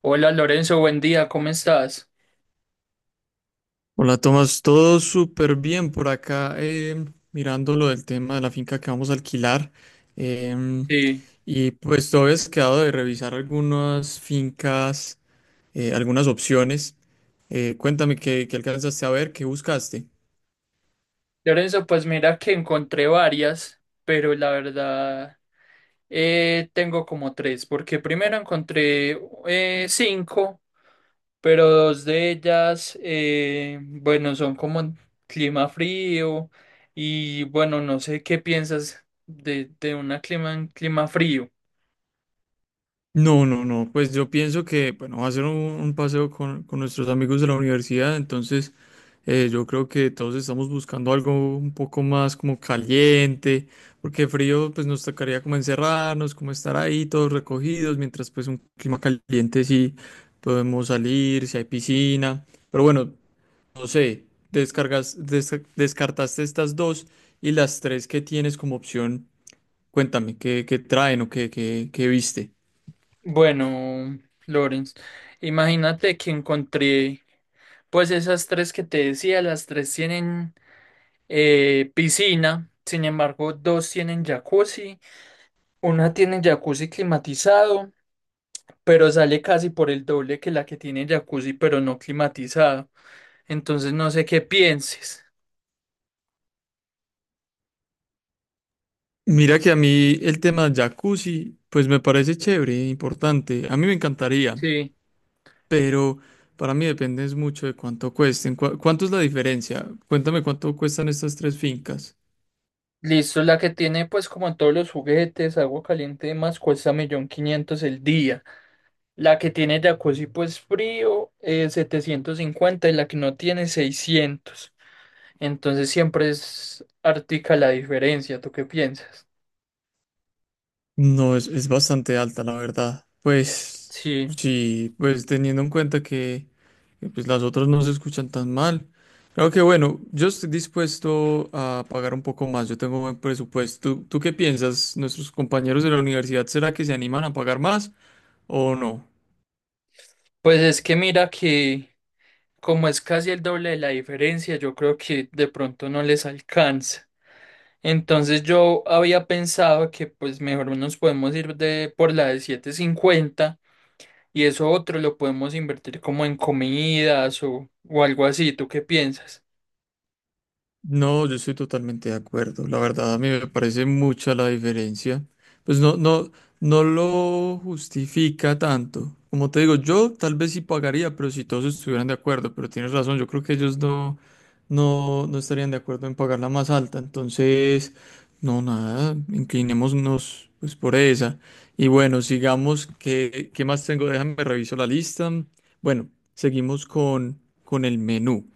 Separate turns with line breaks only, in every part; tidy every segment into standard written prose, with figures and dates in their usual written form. Hola Lorenzo, buen día, ¿cómo estás?
Hola Tomás, todo súper bien por acá, mirando lo del tema de la finca que vamos a alquilar. em,
Sí.
y pues todavía has quedado de revisar algunas fincas, algunas opciones. Cuéntame qué alcanzaste a ver, qué buscaste.
Lorenzo, pues mira que encontré varias, pero la verdad, tengo como tres, porque primero encontré cinco, pero dos de ellas, bueno, son como en clima frío. Y bueno, no sé qué piensas de un clima frío.
No, no, no, pues yo pienso que, bueno, va a ser un paseo con nuestros amigos de la universidad, entonces yo creo que todos estamos buscando algo un poco más como caliente, porque frío pues nos tocaría como encerrarnos, como estar ahí todos recogidos, mientras pues un clima caliente sí podemos salir, si hay piscina, pero bueno, no sé, descartaste estas dos y las tres que tienes como opción, cuéntame, ¿qué traen o qué viste?
Bueno, Lorenz, imagínate que encontré pues esas tres que te decía, las tres tienen, piscina. Sin embargo, dos tienen jacuzzi, una tiene jacuzzi climatizado, pero sale casi por el doble que la que tiene jacuzzi pero no climatizado. Entonces no sé qué pienses.
Mira que a mí el tema jacuzzi, pues me parece chévere, e importante. A mí me encantaría,
Sí,
pero para mí depende es mucho de cuánto cuesten. ¿Cuánto es la diferencia? Cuéntame cuánto cuestan estas tres fincas.
listo. La que tiene pues como todos los juguetes, agua caliente y demás, cuesta 1.500.000 el día. La que tiene jacuzzi pues frío, 750, y la que no tiene, 600. Entonces siempre es artica la diferencia. ¿Tú qué piensas?
No, es bastante alta, la verdad. Pues
Sí,
sí, pues teniendo en cuenta que, pues, las otras no se escuchan tan mal. Claro que bueno, yo estoy dispuesto a pagar un poco más, yo tengo buen presupuesto. ¿Tú qué piensas? ¿Nuestros compañeros de la universidad será que se animan a pagar más? ¿O no?
pues es que mira que como es casi el doble de la diferencia, yo creo que de pronto no les alcanza. Entonces yo había pensado que pues mejor nos podemos ir de por la de 750, y eso otro lo podemos invertir como en comidas o algo así. ¿Tú qué piensas?
No, yo estoy totalmente de acuerdo. La verdad, a mí me parece mucha la diferencia. Pues no, no, no lo justifica tanto. Como te digo, yo tal vez sí pagaría, pero si todos estuvieran de acuerdo, pero tienes razón, yo creo que ellos no, no, no estarían de acuerdo en pagar la más alta. Entonces, no, nada, inclinémonos pues por esa. Y bueno, sigamos. ¿Qué más tengo? Déjame reviso la lista. Bueno, seguimos con el menú.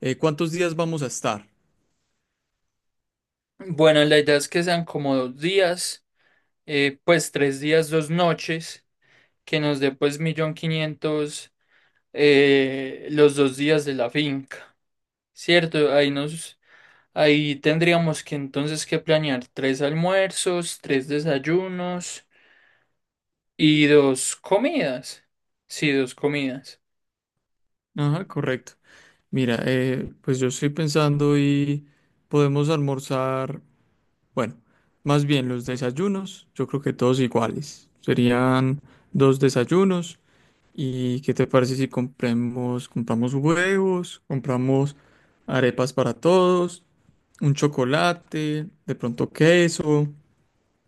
¿Cuántos días vamos a estar?
Bueno, la idea es que sean como 2 días. Pues 3 días, 2 noches, que nos dé pues 1.500.000 los 2 días de la finca, ¿cierto? Ahí tendríamos que entonces que planear tres almuerzos, tres desayunos y dos comidas. Sí, dos comidas.
Ajá, correcto. Mira, pues yo estoy pensando y podemos almorzar, bueno, más bien los desayunos, yo creo que todos iguales. Serían dos desayunos. ¿Y qué te parece si compramos huevos, compramos arepas para todos, un chocolate, de pronto queso,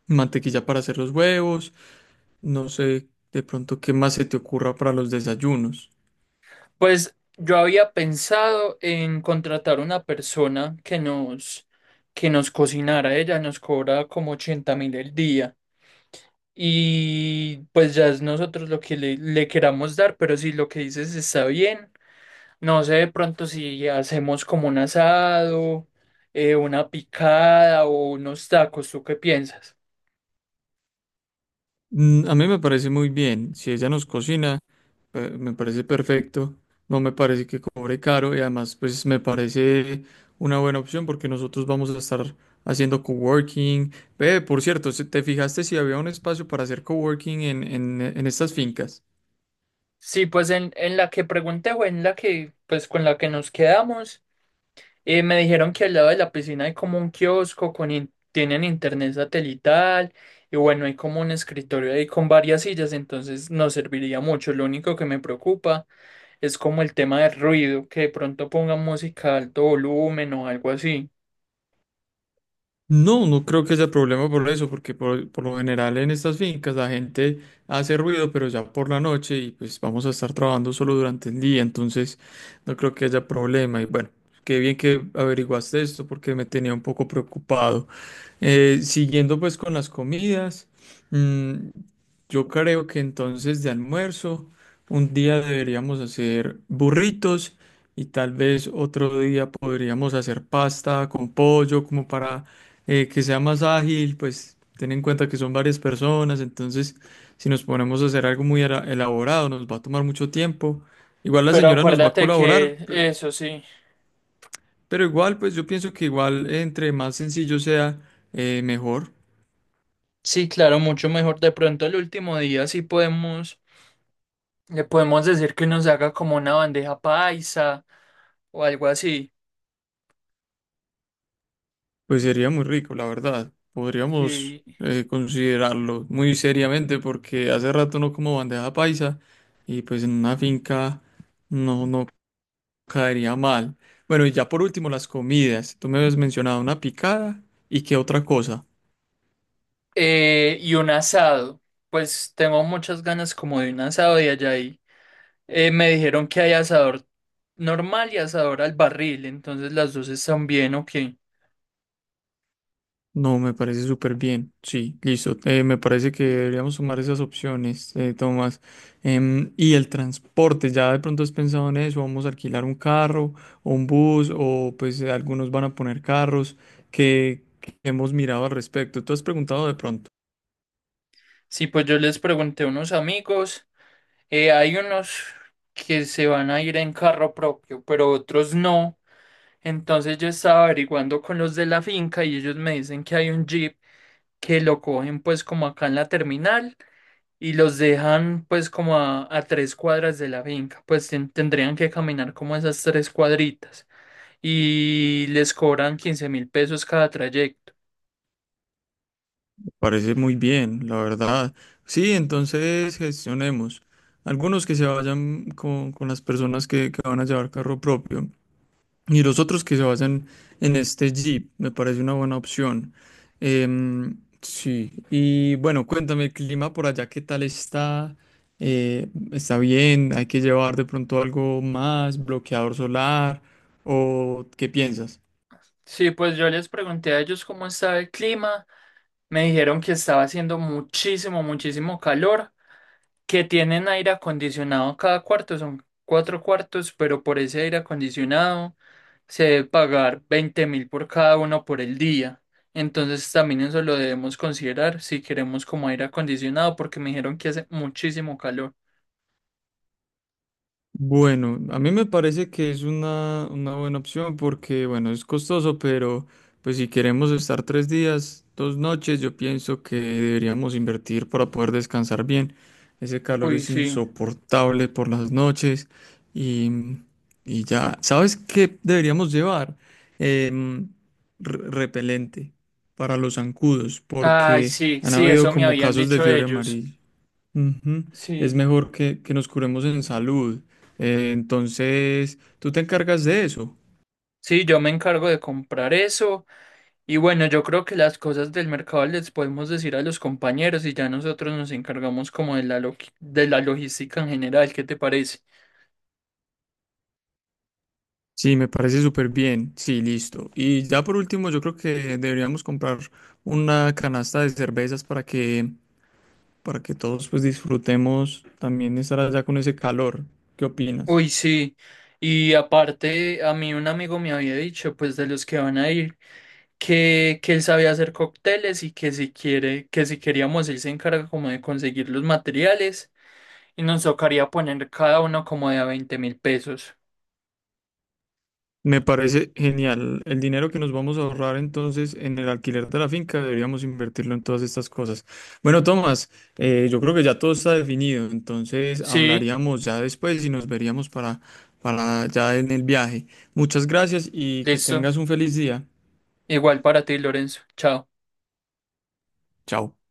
mantequilla para hacer los huevos? No sé, de pronto qué más se te ocurra para los desayunos.
Pues yo había pensado en contratar una persona que nos cocinara. Ella nos cobra como 80.000 el día. Y pues ya es nosotros lo que le queramos dar, pero si lo que dices está bien, no sé de pronto si hacemos como un asado, una picada o unos tacos. ¿Tú qué piensas?
A mí me parece muy bien. Si ella nos cocina, me parece perfecto. No me parece que cobre caro y además pues me parece una buena opción porque nosotros vamos a estar haciendo coworking. Ve, por cierto, ¿Te fijaste si había un espacio para hacer coworking en estas fincas?
Sí, pues en la que pregunté, o en la que, pues con la que nos quedamos. Me dijeron que al lado de la piscina hay como un kiosco tienen internet satelital. Y bueno, hay como un escritorio ahí con varias sillas, entonces nos serviría mucho. Lo único que me preocupa es como el tema del ruido, que de pronto pongan música a alto volumen o algo así.
No, no creo que sea problema por eso, porque por lo general en estas fincas la gente hace ruido, pero ya por la noche y pues vamos a estar trabajando solo durante el día, entonces no creo que haya problema. Y bueno, qué bien que averiguaste esto porque me tenía un poco preocupado. Siguiendo pues con las comidas, mm, yo creo que entonces de almuerzo un día deberíamos hacer burritos y tal vez otro día podríamos hacer pasta con pollo como para que sea más ágil, pues ten en cuenta que son varias personas, entonces si nos ponemos a hacer algo muy elaborado nos va a tomar mucho tiempo. Igual la
Pero
señora nos va a
acuérdate
colaborar,
que eso sí.
pero igual pues yo pienso que igual entre más sencillo sea, mejor.
Sí, claro, mucho mejor. De pronto el último día sí le podemos decir que nos haga como una bandeja paisa o algo así.
Pues sería muy rico, la verdad. Podríamos,
Sí.
considerarlo muy seriamente porque hace rato no como bandeja paisa y pues en una finca no, no caería mal. Bueno, y ya por último las comidas. Tú me habías mencionado una picada y qué otra cosa.
Y un asado. Pues tengo muchas ganas como de un asado. Y allá ahí, me dijeron que hay asador normal y asador al barril. Entonces las dos están bien, ok.
No, me parece súper bien. Sí, listo. Me parece que deberíamos sumar esas opciones, Tomás. Y el transporte, ¿ya de pronto has pensado en eso? ¿Vamos a alquilar un carro o un bus? O pues algunos van a poner carros. ¿Que hemos mirado al respecto? ¿Tú has preguntado de pronto?
Sí, pues yo les pregunté a unos amigos. Hay unos que se van a ir en carro propio, pero otros no. Entonces yo estaba averiguando con los de la finca, y ellos me dicen que hay un jeep que lo cogen pues como acá en la terminal. Y los dejan pues como a 3 cuadras de la finca. Pues tendrían que caminar como esas 3 cuadritas, y les cobran 15.000 pesos cada trayecto.
Me parece muy bien, la verdad. Sí, entonces gestionemos. Algunos que se vayan con las personas que van a llevar carro propio. Y los otros que se basan en este Jeep, me parece una buena opción. Sí, y bueno, cuéntame, el clima por allá, ¿qué tal está? ¿Está bien? ¿Hay que llevar de pronto algo más, bloqueador solar? ¿O qué piensas?
Sí, pues yo les pregunté a ellos cómo estaba el clima. Me dijeron que estaba haciendo muchísimo, muchísimo calor, que tienen aire acondicionado cada cuarto. Son cuatro cuartos, pero por ese aire acondicionado se debe pagar 20.000 por cada uno por el día. Entonces también eso lo debemos considerar si queremos como aire acondicionado, porque me dijeron que hace muchísimo calor.
Bueno, a mí me parece que es una buena opción porque, bueno, es costoso, pero pues si queremos estar 3 días, 2 noches, yo pienso que deberíamos invertir para poder descansar bien. Ese calor
Uy,
es
sí.
insoportable por las noches y, y ya, ¿sabes qué deberíamos llevar? Em, repelente para los zancudos
Ay,
porque
sí,
han
sí,
habido
eso me
como
habían
casos de
dicho
fiebre
ellos.
amarilla. Ujú. Es
Sí.
mejor que nos curemos en salud. Entonces, tú te encargas de eso.
Sí, yo me encargo de comprar eso. Y bueno, yo creo que las cosas del mercado les podemos decir a los compañeros, y ya nosotros nos encargamos como de la logística en general. ¿Qué te parece?
Sí, me parece súper bien. Sí, listo. Y ya por último, yo creo que deberíamos comprar una canasta de cervezas para que todos pues disfrutemos también estar allá con ese calor. ¿Qué opinas?
Uy, sí. Y aparte, a mí un amigo me había dicho, pues de los que van a ir, que él sabía hacer cócteles, y que si queríamos, él se encarga como de conseguir los materiales, y nos tocaría poner cada uno como de a 20 mil pesos.
Me parece genial. El dinero que nos vamos a ahorrar entonces en el alquiler de la finca deberíamos invertirlo en todas estas cosas. Bueno, Tomás, yo creo que ya todo está definido, entonces
Sí,
hablaríamos ya después y nos veríamos para ya en el viaje. Muchas gracias y que
listo.
tengas un feliz día.
Igual para ti, Lorenzo. Chao.
Chao.